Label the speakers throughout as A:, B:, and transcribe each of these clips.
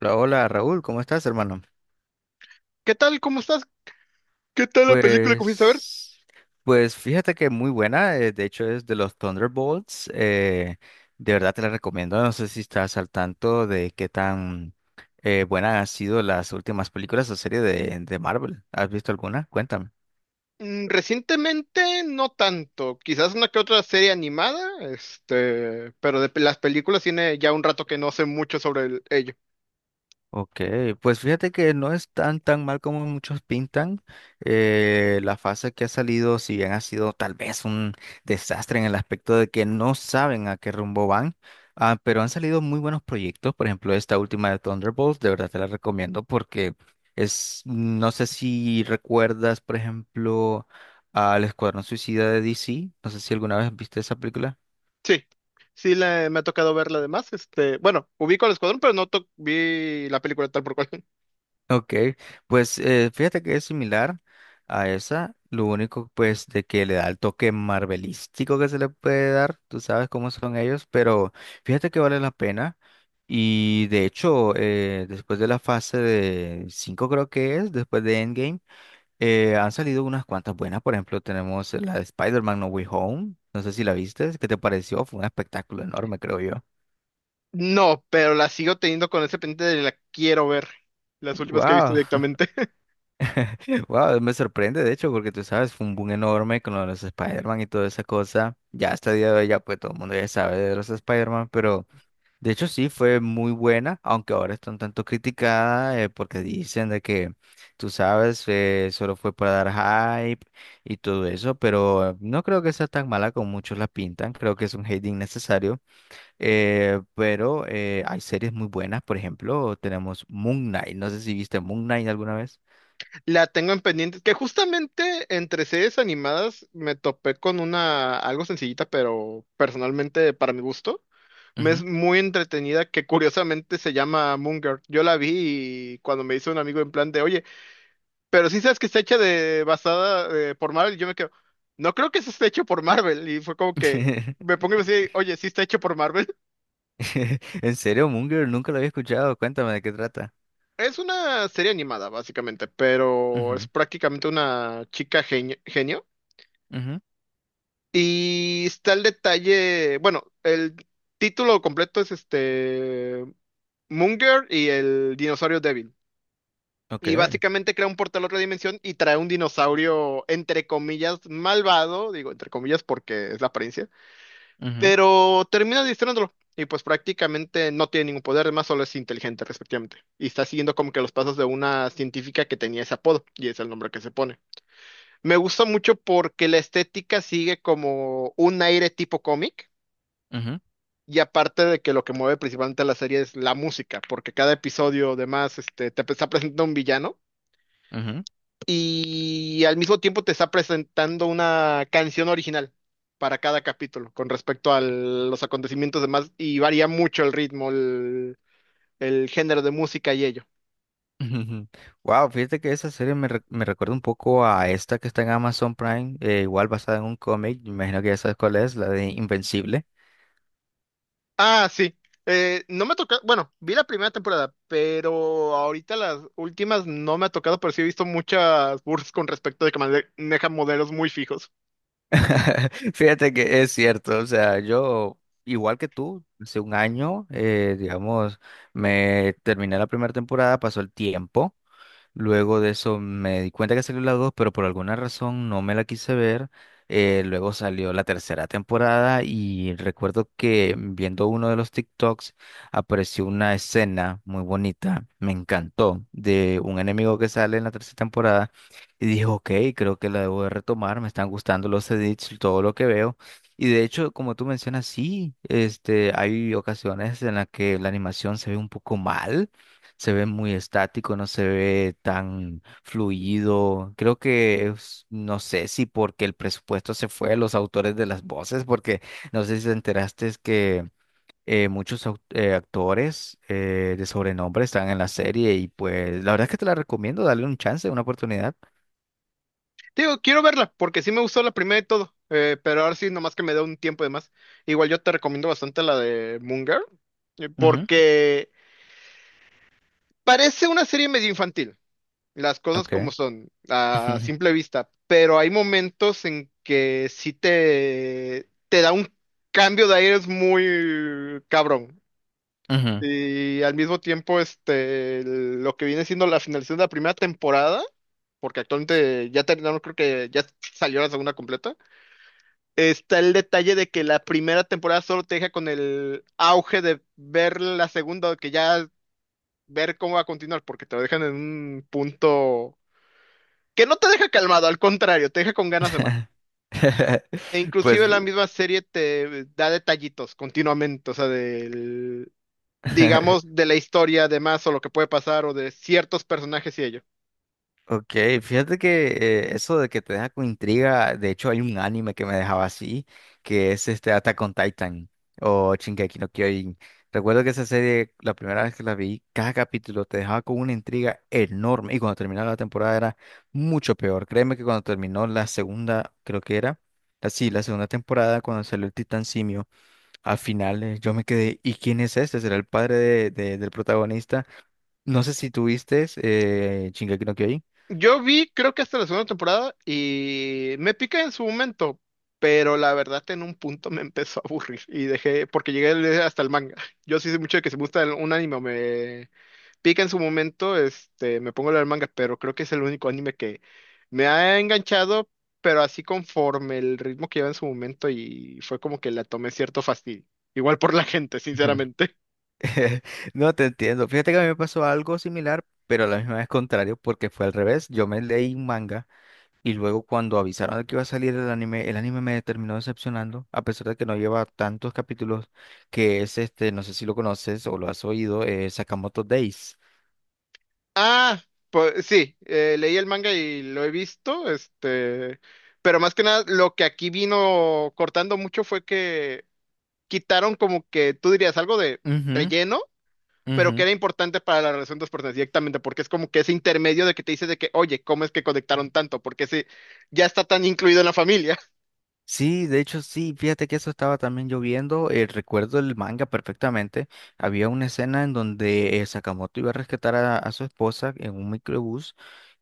A: Hola, hola, Raúl, ¿cómo estás, hermano?
B: ¿Qué tal? ¿Cómo estás? ¿Qué tal la película que fuiste a ver?
A: Pues, pues, fíjate que muy buena, de hecho es de los Thunderbolts, de verdad te la recomiendo, no sé si estás al tanto de qué tan buena han sido las últimas películas o series de Marvel, ¿has visto alguna? Cuéntame.
B: Mm, recientemente no tanto, quizás una que otra serie animada, pero las películas tiene ya un rato que no sé mucho sobre ello.
A: Ok, pues fíjate que no es tan mal como muchos pintan. La fase que ha salido, si bien ha sido tal vez un desastre en el aspecto de que no saben a qué rumbo van, pero han salido muy buenos proyectos. Por ejemplo, esta última de Thunderbolts, de verdad te la recomiendo porque es, no sé si recuerdas, por ejemplo, al Escuadrón Suicida de DC. No sé si alguna vez viste esa película.
B: Sí, sí, me ha tocado verla además, este, bueno, ubico al Escuadrón, pero no to- vi la película tal por cual.
A: Ok, pues fíjate que es similar a esa, lo único pues de que le da el toque marvelístico que se le puede dar, tú sabes cómo son ellos, pero fíjate que vale la pena y de hecho después de la fase de 5 creo que es, después de Endgame, han salido unas cuantas buenas, por ejemplo tenemos la de Spider-Man No Way Home, no sé si la viste, ¿qué te pareció? Fue un espectáculo enorme creo yo.
B: No, pero la sigo teniendo con ese pendiente de la quiero ver. Las últimas que he visto
A: Wow.
B: directamente.
A: Wow, me sorprende, de hecho, porque tú sabes, fue un boom enorme con lo de los Spider-Man y toda esa cosa. Ya hasta el día de hoy, ya pues todo el mundo ya sabe de los Spider-Man, pero de hecho sí fue muy buena, aunque ahora está un tanto criticada porque dicen de que, tú sabes, solo fue para dar hype y todo eso, pero no creo que sea tan mala como muchos la pintan, creo que es un hate innecesario, pero hay series muy buenas, por ejemplo, tenemos Moon Knight, no sé si viste Moon Knight alguna vez.
B: La tengo en pendiente. Que justamente entre series animadas me topé con una algo sencillita, pero personalmente para mi gusto. Me es
A: Ujú.
B: muy entretenida que curiosamente se llama Moon Girl. Yo la vi y cuando me hizo un amigo en plan de, oye, pero sí sabes que está hecha de basada por Marvel, y yo me quedo, no creo que eso esté hecho por Marvel. Y fue como que me pongo y me decía, oye, sí está hecho por Marvel.
A: ¿En serio, Moon Girl? Nunca lo había escuchado. Cuéntame de qué trata.
B: Es una serie animada, básicamente, pero es
A: Ujú,
B: prácticamente una chica genio, genio.
A: ujú,
B: Y está el detalle, bueno, el título completo es este Munger y el dinosaurio débil. Y
A: ok,
B: básicamente crea un portal a otra dimensión y trae un dinosaurio, entre comillas, malvado, digo entre comillas porque es la apariencia,
A: ujú,
B: pero termina distrayéndolo. Y pues prácticamente no tiene ningún poder, además solo es inteligente respectivamente. Y está siguiendo como que los pasos de una científica que tenía ese apodo, y es el nombre que se pone. Me gusta mucho porque la estética sigue como un aire tipo cómic,
A: ujú,
B: y aparte de que lo que mueve principalmente la serie es la música, porque cada episodio además este, te está presentando un villano
A: ujú,
B: y al mismo tiempo te está presentando una canción original para cada capítulo con respecto a los acontecimientos demás y varía mucho el ritmo, el género de música y ello.
A: ujú. Wow, fíjate que esa serie me recuerda un poco a esta que está en Amazon Prime, igual basada en un cómic, me imagino que ya sabes cuál es, la de Invencible.
B: Ah, sí. No me tocó bueno, vi la primera temporada, pero ahorita las últimas no me ha tocado, pero sí he visto muchas bursts con respecto de que maneja modelos muy fijos.
A: Fíjate que es cierto, o sea, yo, igual que tú, hace un año, digamos, me terminé la primera temporada, pasó el tiempo. Luego de eso me di cuenta que salió la 2, pero por alguna razón no me la quise ver. Luego salió la tercera temporada y recuerdo que viendo uno de los TikToks apareció una escena muy bonita, me encantó, de un enemigo que sale en la tercera temporada y dije, ok, creo que la debo de retomar, me están gustando los edits, todo lo que veo. Y de hecho, como tú mencionas, sí, este, hay ocasiones en las que la animación se ve un poco mal, se ve muy estático, no se ve tan fluido. Creo que no sé si porque el presupuesto se fue a los autores de las voces, porque no sé si te enteraste es que muchos actores de sobrenombre están en la serie y pues la verdad es que te la recomiendo, dale un chance, una oportunidad.
B: Digo, quiero verla, porque sí me gustó la primera y todo, pero ahora sí, nomás que me dé un tiempo de más. Igual yo te recomiendo bastante la de Moon Girl,
A: Ujú,
B: porque parece una serie medio infantil, las cosas como
A: ok.
B: son, a simple vista, pero hay momentos en que sí te da un cambio de aires muy cabrón.
A: Ujú.
B: Y al mismo tiempo, este, lo que viene siendo la finalización de la primera temporada, porque actualmente ya terminaron, creo que ya salió la segunda completa. Está el detalle de que la primera temporada solo te deja con el auge de ver la segunda, que ya ver cómo va a continuar, porque te lo dejan en un punto que no te deja calmado, al contrario, te deja con ganas de más. E
A: Pues
B: inclusive la misma serie te da detallitos continuamente, o sea, digamos, de la historia, de más, o lo que puede pasar, o de ciertos personajes y ello.
A: Ok, fíjate que eso de que te deja con intriga, de hecho hay un anime que me dejaba así, que es este Attack on Titan o Shingeki no Kyojin. Recuerdo que esa serie, la primera vez que la vi, cada capítulo te dejaba con una intriga enorme y cuando terminaba la temporada era mucho peor. Créeme que cuando terminó la segunda, creo que era, así, la segunda temporada, cuando salió el Titán Simio, al final yo me quedé, ¿y quién es este? ¿Será el padre del protagonista? No sé si tuviste Shingeki no Kyojin.
B: Yo vi, creo que hasta la segunda temporada y me piqué en su momento, pero la verdad en un punto me empezó a aburrir y dejé, porque llegué a leer hasta el manga. Yo sí sé mucho de que si me gusta un anime, o me pica en su momento, este, me pongo a leer el manga, pero creo que es el único anime que me ha enganchado, pero así conforme el ritmo que lleva en su momento y fue como que la tomé cierto fastidio. Igual por la gente, sinceramente.
A: No te entiendo. Fíjate que a mí me pasó algo similar, pero a la misma vez contrario, porque fue al revés. Yo me leí un manga y luego cuando avisaron de que iba a salir el anime me terminó decepcionando, a pesar de que no lleva tantos capítulos, que es este, no sé si lo conoces o lo has oído, Sakamoto Days.
B: Ah, pues sí, leí el manga y lo he visto, este, pero más que nada lo que aquí vino cortando mucho fue que quitaron como que tú dirías algo de
A: Ujú,
B: relleno, pero
A: ujú.
B: que era importante para la relación de los personajes directamente, porque es como que ese intermedio de que te dice de que, oye, ¿cómo es que conectaron tanto? Porque ese ya está tan incluido en la familia.
A: Sí, de hecho sí, fíjate que eso estaba también lloviendo, recuerdo el manga perfectamente, había una escena en donde Sakamoto iba a rescatar a su esposa en un microbús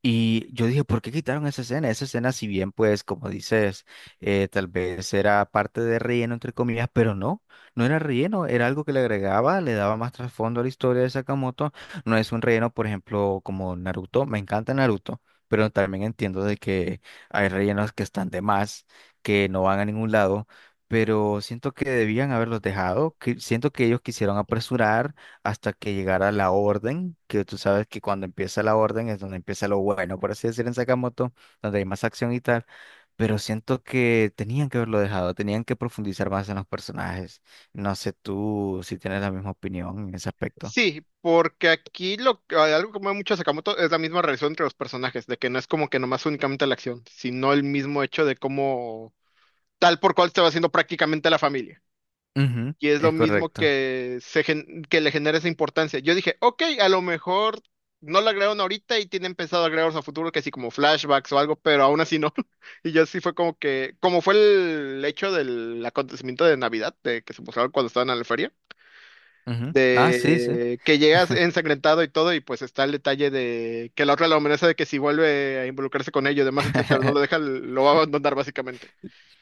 A: y yo dije, ¿por qué quitaron esa escena? Esa escena si bien pues como dices, tal vez era parte de relleno entre comillas, pero no era relleno, era algo que le agregaba, le daba más trasfondo a la historia de Sakamoto, no es un relleno por ejemplo como Naruto, me encanta Naruto, pero también entiendo de que hay rellenos que están de más, que no van a ningún lado, pero siento que debían haberlos dejado, que siento que ellos quisieron apresurar hasta que llegara la orden, que tú sabes que cuando empieza la orden es donde empieza lo bueno, por así decir, en Sakamoto, donde hay más acción y tal, pero siento que tenían que haberlo dejado, tenían que profundizar más en los personajes. No sé tú si tienes la misma opinión en ese aspecto.
B: Sí, porque aquí algo que mueve mucho a Sakamoto es la misma relación entre los personajes, de que no es como que nomás únicamente la acción, sino el mismo hecho de cómo tal por cual se va haciendo prácticamente la familia.
A: Ujú,
B: Y es lo
A: es
B: mismo
A: correcto.
B: que, que le genera esa importancia. Yo dije, ok, a lo mejor no la agregaron ahorita y tienen pensado agregarlos a futuro, que sí, como flashbacks o algo, pero aún así no. Y yo sí fue como que, como fue el hecho del acontecimiento de Navidad, de que se mostraron cuando estaban en la feria,
A: Ujú. Ah, sí, sí.
B: de que llegas ensangrentado y todo, y pues está el detalle de que la otra la amenaza de que si vuelve a involucrarse con ellos, demás, etcétera, no lo deja, lo va a abandonar básicamente.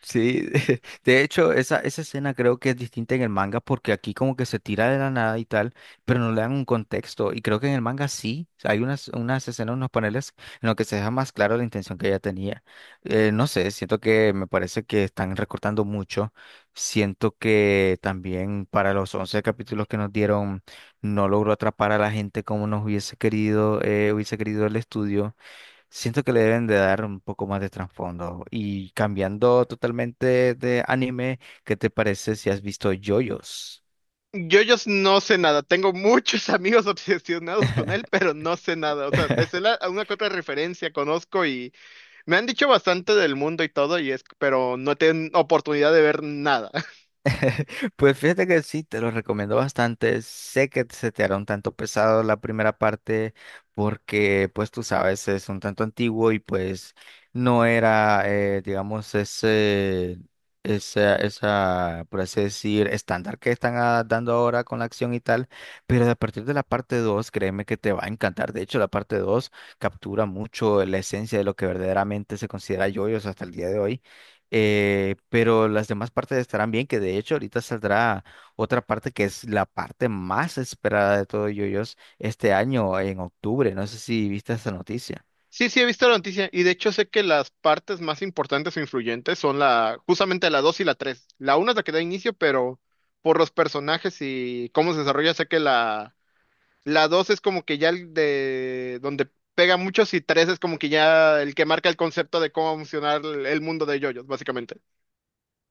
A: Sí, de hecho, esa escena creo que es distinta en el manga porque aquí como que se tira de la nada y tal, pero no le dan un contexto. Y creo que en el manga sí, hay unas escenas, unos paneles en los que se deja más claro la intención que ella tenía. No sé, siento que me parece que están recortando mucho. Siento que también para los 11 capítulos que nos dieron no logró atrapar a la gente como nos hubiese querido el estudio. Siento que le deben de dar un poco más de trasfondo. Y cambiando totalmente de anime, ¿qué te parece si has visto JoJo's?
B: JoJo's no sé nada. Tengo muchos amigos obsesionados con él, pero no sé nada. O sea, me sé la- una que otra referencia, conozco y me han dicho bastante del mundo y todo, y es, pero no tienen oportunidad de ver nada.
A: Pues fíjate que sí, te lo recomiendo bastante. Sé que se te hará un tanto pesado la primera parte porque, pues tú sabes, es un tanto antiguo y pues no era, digamos, ese, esa, por así decir, estándar que están dando ahora con la acción y tal. Pero a partir de la parte 2, créeme que te va a encantar. De hecho, la parte 2 captura mucho la esencia de lo que verdaderamente se considera yoyos hasta el día de hoy, pero las demás partes estarán bien, que de hecho ahorita saldrá otra parte que es la parte más esperada de todo yoyos este año en octubre. No sé si viste esa noticia.
B: Sí, sí, he visto la noticia y de hecho sé que las partes más importantes o influyentes son la, justamente la 2 y la 3. La una es la que da inicio, pero por los personajes y cómo se desarrolla, sé que la 2 es como que ya el de donde pega muchos y 3 es como que ya el que marca el concepto de cómo va a funcionar el mundo de yoyos, básicamente.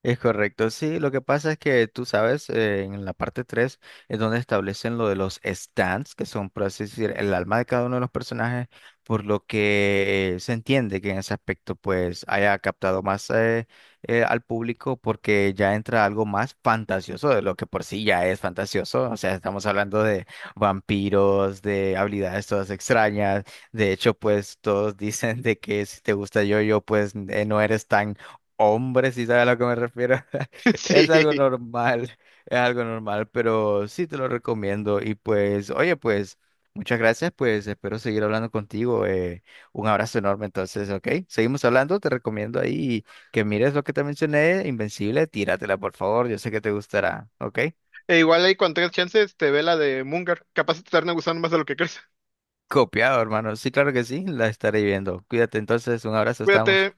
A: Es correcto, sí, lo que pasa es que tú sabes, en la parte 3 es donde establecen lo de los stands, que son, por así decir, el alma de cada uno de los personajes, por lo que se entiende que en ese aspecto pues haya captado más al público porque ya entra algo más fantasioso de lo que por sí ya es fantasioso, o sea, estamos hablando de vampiros, de habilidades todas extrañas, de hecho pues todos dicen de que si te gusta yo-yo pues no eres tan Hombre, si sabes a lo que me refiero. Es algo
B: Sí.
A: normal, es algo normal, pero sí te lo recomiendo. Y pues, oye, pues, muchas gracias, pues espero seguir hablando contigo. Un abrazo enorme, entonces, ¿ok? Seguimos hablando, te recomiendo ahí que mires lo que te mencioné, Invencible, tíratela, por favor, yo sé que te gustará, ¿ok?
B: E igual ahí cuando tengas chance, te ve la de Munger. Capaz te termina gustando más de lo que crees.
A: Copiado, hermano. Sí, claro que sí, la estaré viendo. Cuídate entonces, un abrazo, estamos.
B: Cuídate.